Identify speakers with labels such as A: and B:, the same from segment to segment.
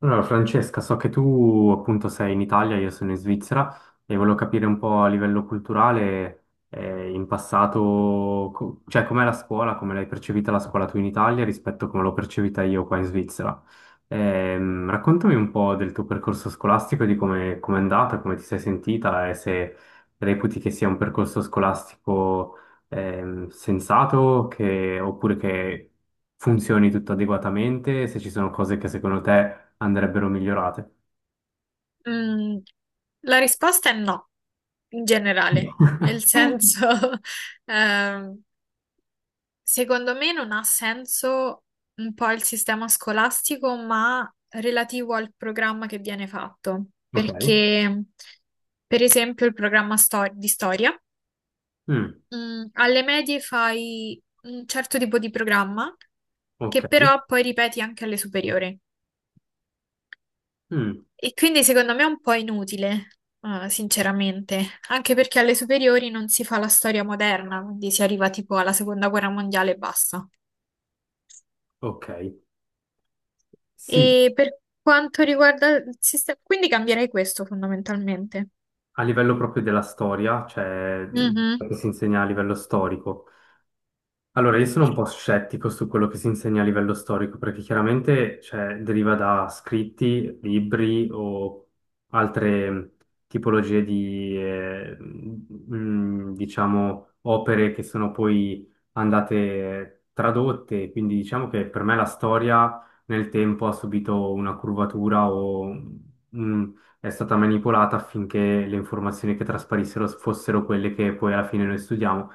A: Allora, Francesca, so che tu appunto sei in Italia, io sono in Svizzera e volevo capire un po' a livello culturale, in passato, cioè com'è la scuola, come l'hai percepita la scuola tu in Italia rispetto a come l'ho percepita io qua in Svizzera. Raccontami un po' del tuo percorso scolastico, di come è andata, come ti sei sentita e se reputi che sia un percorso scolastico sensato oppure che funzioni tutto adeguatamente, se ci sono cose che secondo te andrebbero migliorate.
B: Mm, la risposta è no, in generale, nel senso, ehm, secondo me non ha senso un po' il sistema scolastico, ma relativo al programma che viene fatto,
A: Ok.
B: perché per esempio il programma di storia,
A: Mm,
B: alle medie fai un certo tipo di programma
A: ok.
B: che però poi ripeti anche alle superiori.
A: Mm,
B: E quindi secondo me è un po' inutile, sinceramente, anche perché alle superiori non si fa la storia moderna, quindi si arriva tipo alla seconda guerra mondiale e basta.
A: ok. Sì,
B: E per quanto riguarda il sistema, quindi cambierei questo fondamentalmente.
A: a livello proprio della storia, cioè
B: Mhm.
A: che si insegna a livello storico. Allora, io sono un po' scettico su quello che si insegna a livello storico, perché chiaramente, cioè, deriva da scritti, libri o altre tipologie di, diciamo, opere che sono poi andate tradotte. Quindi diciamo che per me la storia nel tempo ha subito una curvatura o mm, è stata manipolata affinché le informazioni che trasparissero fossero quelle che poi alla fine noi studiamo.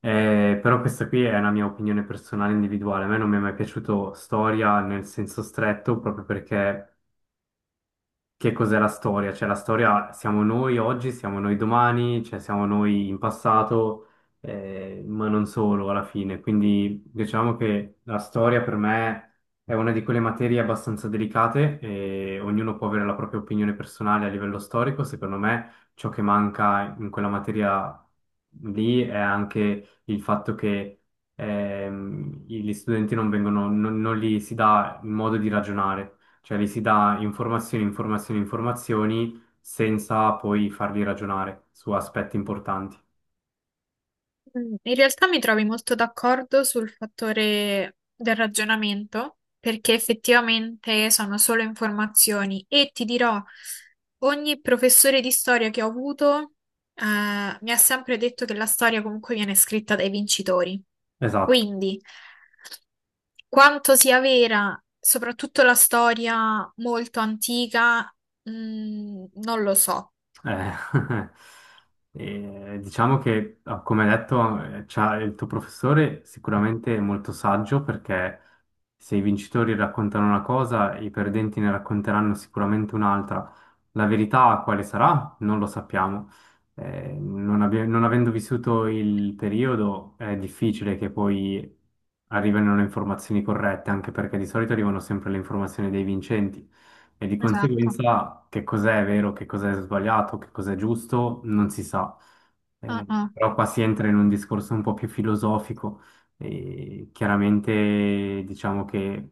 A: Però questa qui è una mia opinione personale individuale. A me non mi è mai piaciuto storia nel senso stretto, proprio perché che cos'è la storia? Cioè, la storia siamo noi oggi, siamo noi domani, cioè siamo noi in passato, ma non solo alla fine. Quindi diciamo che la storia per me è una di quelle materie abbastanza delicate e ognuno può avere la propria opinione personale a livello storico. Secondo me ciò che manca in quella materia lì è anche il fatto che gli studenti non vengono, non gli si dà il modo di ragionare. Cioè gli si dà informazioni, informazioni, informazioni senza poi farli ragionare su aspetti importanti.
B: In realtà mi trovi molto d'accordo sul fattore del ragionamento, perché effettivamente sono solo informazioni e ti dirò, ogni professore di storia che ho avuto, mi ha sempre detto che la storia comunque viene scritta dai vincitori.
A: Esatto.
B: Quindi, quanto sia vera, soprattutto la storia molto antica, non lo so.
A: Eh, diciamo che, ah, come detto, il tuo professore sicuramente è molto saggio perché se i vincitori raccontano una cosa, i perdenti ne racconteranno sicuramente un'altra. La verità quale sarà? Non lo sappiamo. Non, non avendo vissuto il periodo, è difficile che poi arrivino le informazioni corrette, anche perché di solito arrivano sempre le informazioni dei vincenti. E di
B: Esatto.
A: conseguenza che cos'è vero, che cos'è sbagliato, che cos'è giusto, non si sa.
B: Ah, ah.
A: Però qua si entra in un discorso un po' più filosofico. E chiaramente diciamo che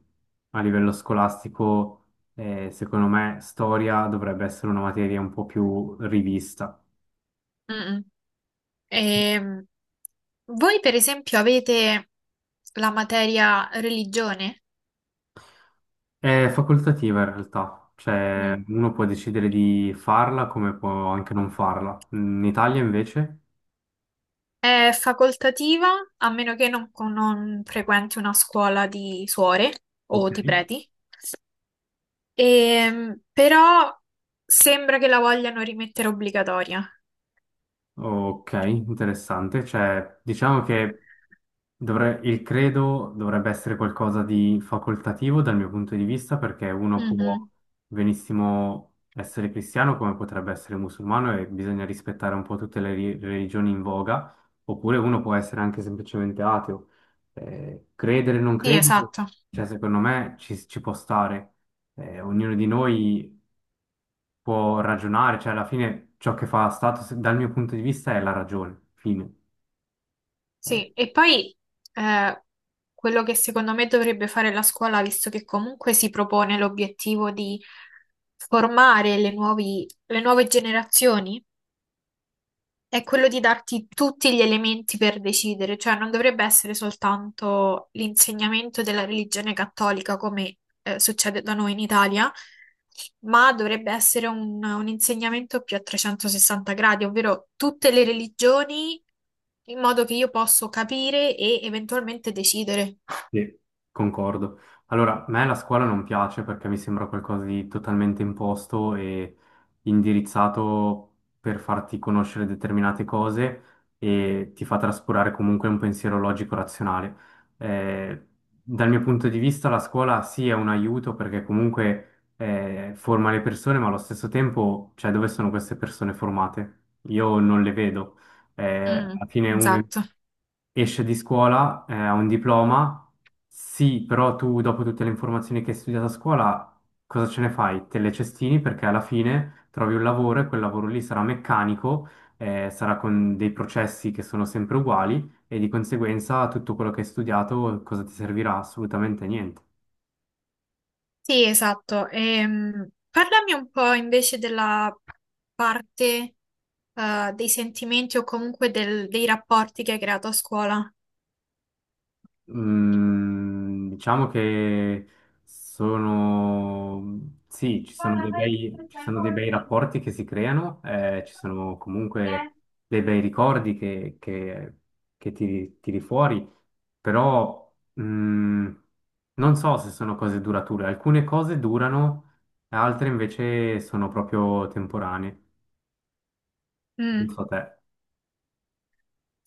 A: a livello scolastico, secondo me, storia dovrebbe essere una materia un po' più rivista.
B: Mm, mm. Ehm, Voi per esempio avete la materia religione?
A: È facoltativa in realtà, cioè
B: Mm.
A: uno può decidere di farla come può anche non farla. In Italia invece,
B: È facoltativa a meno che non frequenti una scuola di suore
A: ok.
B: o di preti. Però sembra che la vogliano rimettere obbligatoria.
A: Ok, interessante. Cioè, diciamo che il credo dovrebbe essere qualcosa di facoltativo dal mio punto di vista, perché uno può
B: Mhm.
A: benissimo essere cristiano come potrebbe essere musulmano e bisogna rispettare un po' tutte le religioni in voga, oppure uno può essere anche semplicemente ateo. Credere o non
B: Sì,
A: credere,
B: esatto.
A: cioè, secondo me ci può stare. Ognuno di noi può ragionare, cioè alla fine ciò che fa Status dal mio punto di vista è la ragione, fine. Eh,
B: Sì, e poi eh, quello che secondo me dovrebbe fare la scuola, visto che comunque si propone l'obiettivo di formare le nuove generazioni, è quello di darti tutti gli elementi per decidere, cioè non dovrebbe essere soltanto l'insegnamento della religione cattolica come succede da noi in Italia, ma dovrebbe essere un insegnamento più a 360 gradi, ovvero tutte le religioni in modo che io posso capire e eventualmente decidere.
A: Sì, concordo. Allora, a me la scuola non piace perché mi sembra qualcosa di totalmente imposto e indirizzato per farti conoscere determinate cose e ti fa trascurare comunque un pensiero logico-razionale. Eh, dal mio punto di vista, la scuola sì è un aiuto perché comunque forma le persone, ma allo stesso tempo, cioè, dove sono queste persone formate? Io non le vedo. Eh,
B: Mm,
A: alla fine uno
B: esatto.
A: esce di scuola, ha un diploma, sì, però tu dopo tutte le informazioni che hai studiato a scuola, cosa ce ne fai? Te le cestini perché alla fine trovi un lavoro e quel lavoro lì sarà meccanico, sarà con dei processi che sono sempre uguali e di conseguenza tutto quello che hai studiato cosa ti servirà? Assolutamente niente.
B: Sì, esatto. Parlami un po' invece della parte, dei sentimenti o comunque dei rapporti che hai creato a scuola?
A: Mm, diciamo che sono, sì, ci sono dei bei rapporti che si creano, ci sono comunque dei bei ricordi che tiri fuori, però mm, non so se sono cose durature. Alcune cose durano, altre invece sono proprio temporanee. Non
B: Mm.
A: so te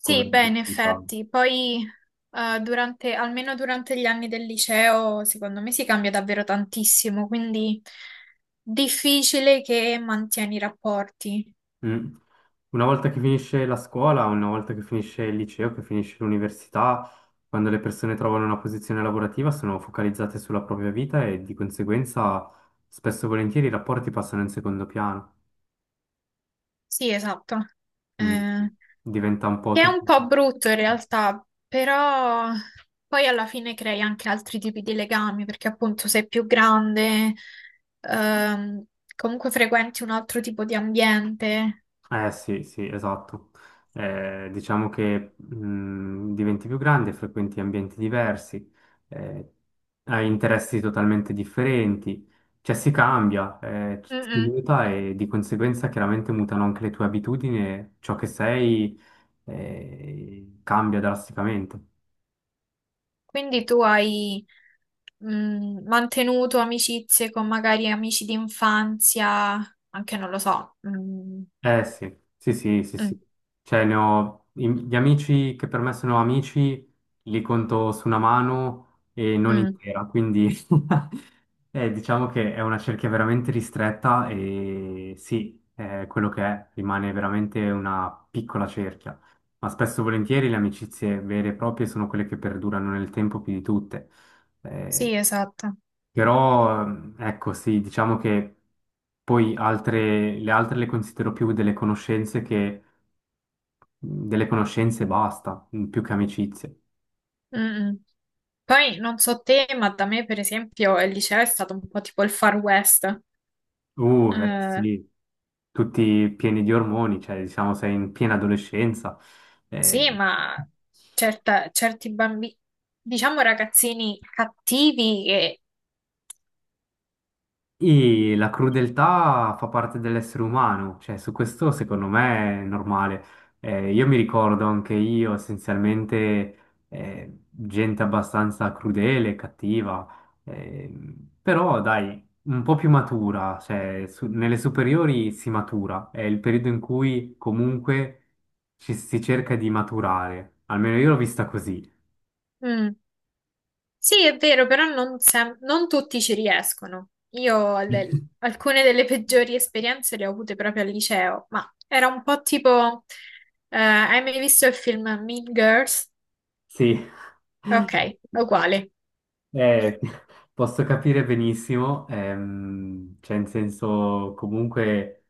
A: come...
B: beh,
A: lo
B: in
A: pensavi.
B: effetti, poi durante, almeno durante gli anni del liceo, secondo me si cambia davvero tantissimo, quindi difficile che mantieni i rapporti.
A: Mm. Una volta che finisce la scuola, una volta che finisce il liceo, che finisce l'università, quando le persone trovano una posizione lavorativa sono focalizzate sulla propria vita e di conseguenza spesso e volentieri i rapporti passano in secondo piano.
B: Sì, esatto.
A: Mm.
B: Eh,
A: Diventa un po'
B: Che è
A: tutto.
B: un po' brutto in realtà, però poi alla fine crei anche altri tipi di legami, perché appunto sei più grande, ehm, comunque frequenti un altro tipo di ambiente.
A: Eh sì, sì, esatto. Diciamo che diventi più grande, frequenti ambienti diversi, eh, hai interessi totalmente differenti, cioè si cambia,
B: Mm,
A: tutto si
B: mm.
A: muta e di conseguenza chiaramente mutano anche le tue abitudini e ciò che sei cambia drasticamente.
B: Quindi tu hai, mantenuto amicizie con magari amici d'infanzia, anche non lo so. Mm,
A: Eh sì, sì, sì, sì,
B: mm,
A: sì. Cioè, gli amici che per me sono amici li conto su una mano e non
B: mm.
A: intera, quindi diciamo che è una cerchia veramente ristretta e sì, è quello che è, rimane veramente una piccola cerchia. Ma spesso e volentieri le amicizie vere e proprie sono quelle che perdurano nel tempo più di tutte. Eh,
B: Sì, esatto.
A: però, ecco, sì, diciamo che poi altre le considero più delle conoscenze che delle conoscenze e basta, mm, più che amicizie.
B: Mm, mm. Poi non so te, ma da me per esempio il liceo è stato un po' tipo il Far West. Eh,
A: Sì, tutti pieni di ormoni, cioè diciamo sei in piena adolescenza.
B: sì,
A: Eh,
B: ma certi bambini, diciamo ragazzini cattivi che...
A: e la crudeltà fa parte dell'essere umano, cioè su questo secondo me è normale. Io mi ricordo anche io essenzialmente gente abbastanza crudele, cattiva, però dai, un po' più matura, cioè nelle superiori si matura, è il periodo in cui comunque ci si cerca di maturare, almeno io l'ho vista così.
B: Mm, sì, è vero, però non, non tutti ci riescono. Alcune delle peggiori esperienze le ho avute proprio al liceo, ma era un po' tipo... Hai mai visto il film Mean Girls?
A: Sì.
B: Ok, è uguale.
A: Eh, posso capire benissimo, cioè in senso comunque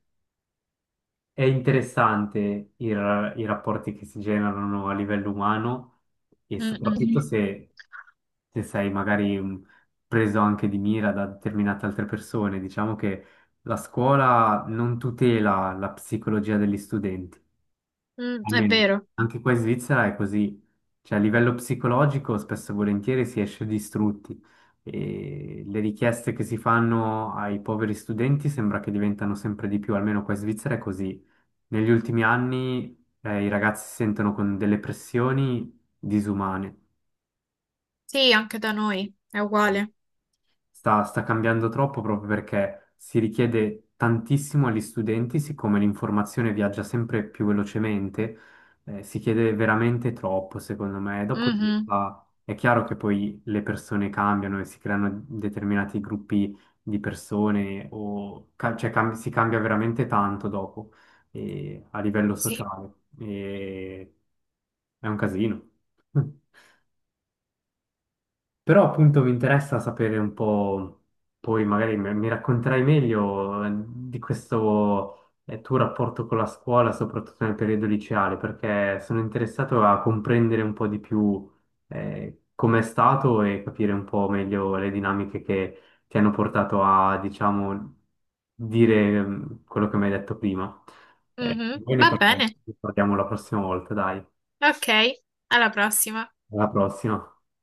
A: è interessante i rapporti che si generano a livello umano e
B: Mm,
A: soprattutto
B: mm.
A: se, se sei magari preso anche di mira da determinate altre persone. Diciamo che la scuola non tutela la psicologia degli studenti.
B: Mm, è
A: Almeno
B: vero.
A: anche qua in Svizzera è così, cioè a livello psicologico spesso e volentieri si esce distrutti e le richieste che si fanno ai poveri studenti sembra che diventano sempre di più, almeno qua in Svizzera è così. Negli ultimi anni i ragazzi si sentono con delle pressioni disumane.
B: Sì, anche da noi è uguale.
A: Sta cambiando troppo proprio perché si richiede tantissimo agli studenti, siccome l'informazione viaggia sempre più velocemente, si chiede veramente troppo, secondo me.
B: Mhm.
A: È chiaro che poi le persone cambiano e si creano determinati gruppi di persone, cioè, si cambia veramente tanto dopo, a livello
B: Sì.
A: sociale. E è un casino. Però appunto mi interessa sapere un po', poi magari mi racconterai meglio di questo tuo rapporto con la scuola, soprattutto nel periodo liceale, perché sono interessato a comprendere un po' di più com'è stato e capire un po' meglio le dinamiche che ti hanno portato a, diciamo, dire mm, quello che mi hai detto prima.
B: Mhm.
A: Poi ne
B: Va
A: parliamo
B: bene.
A: ne parliamo la prossima volta, dai.
B: Ok, alla prossima.
A: Alla prossima.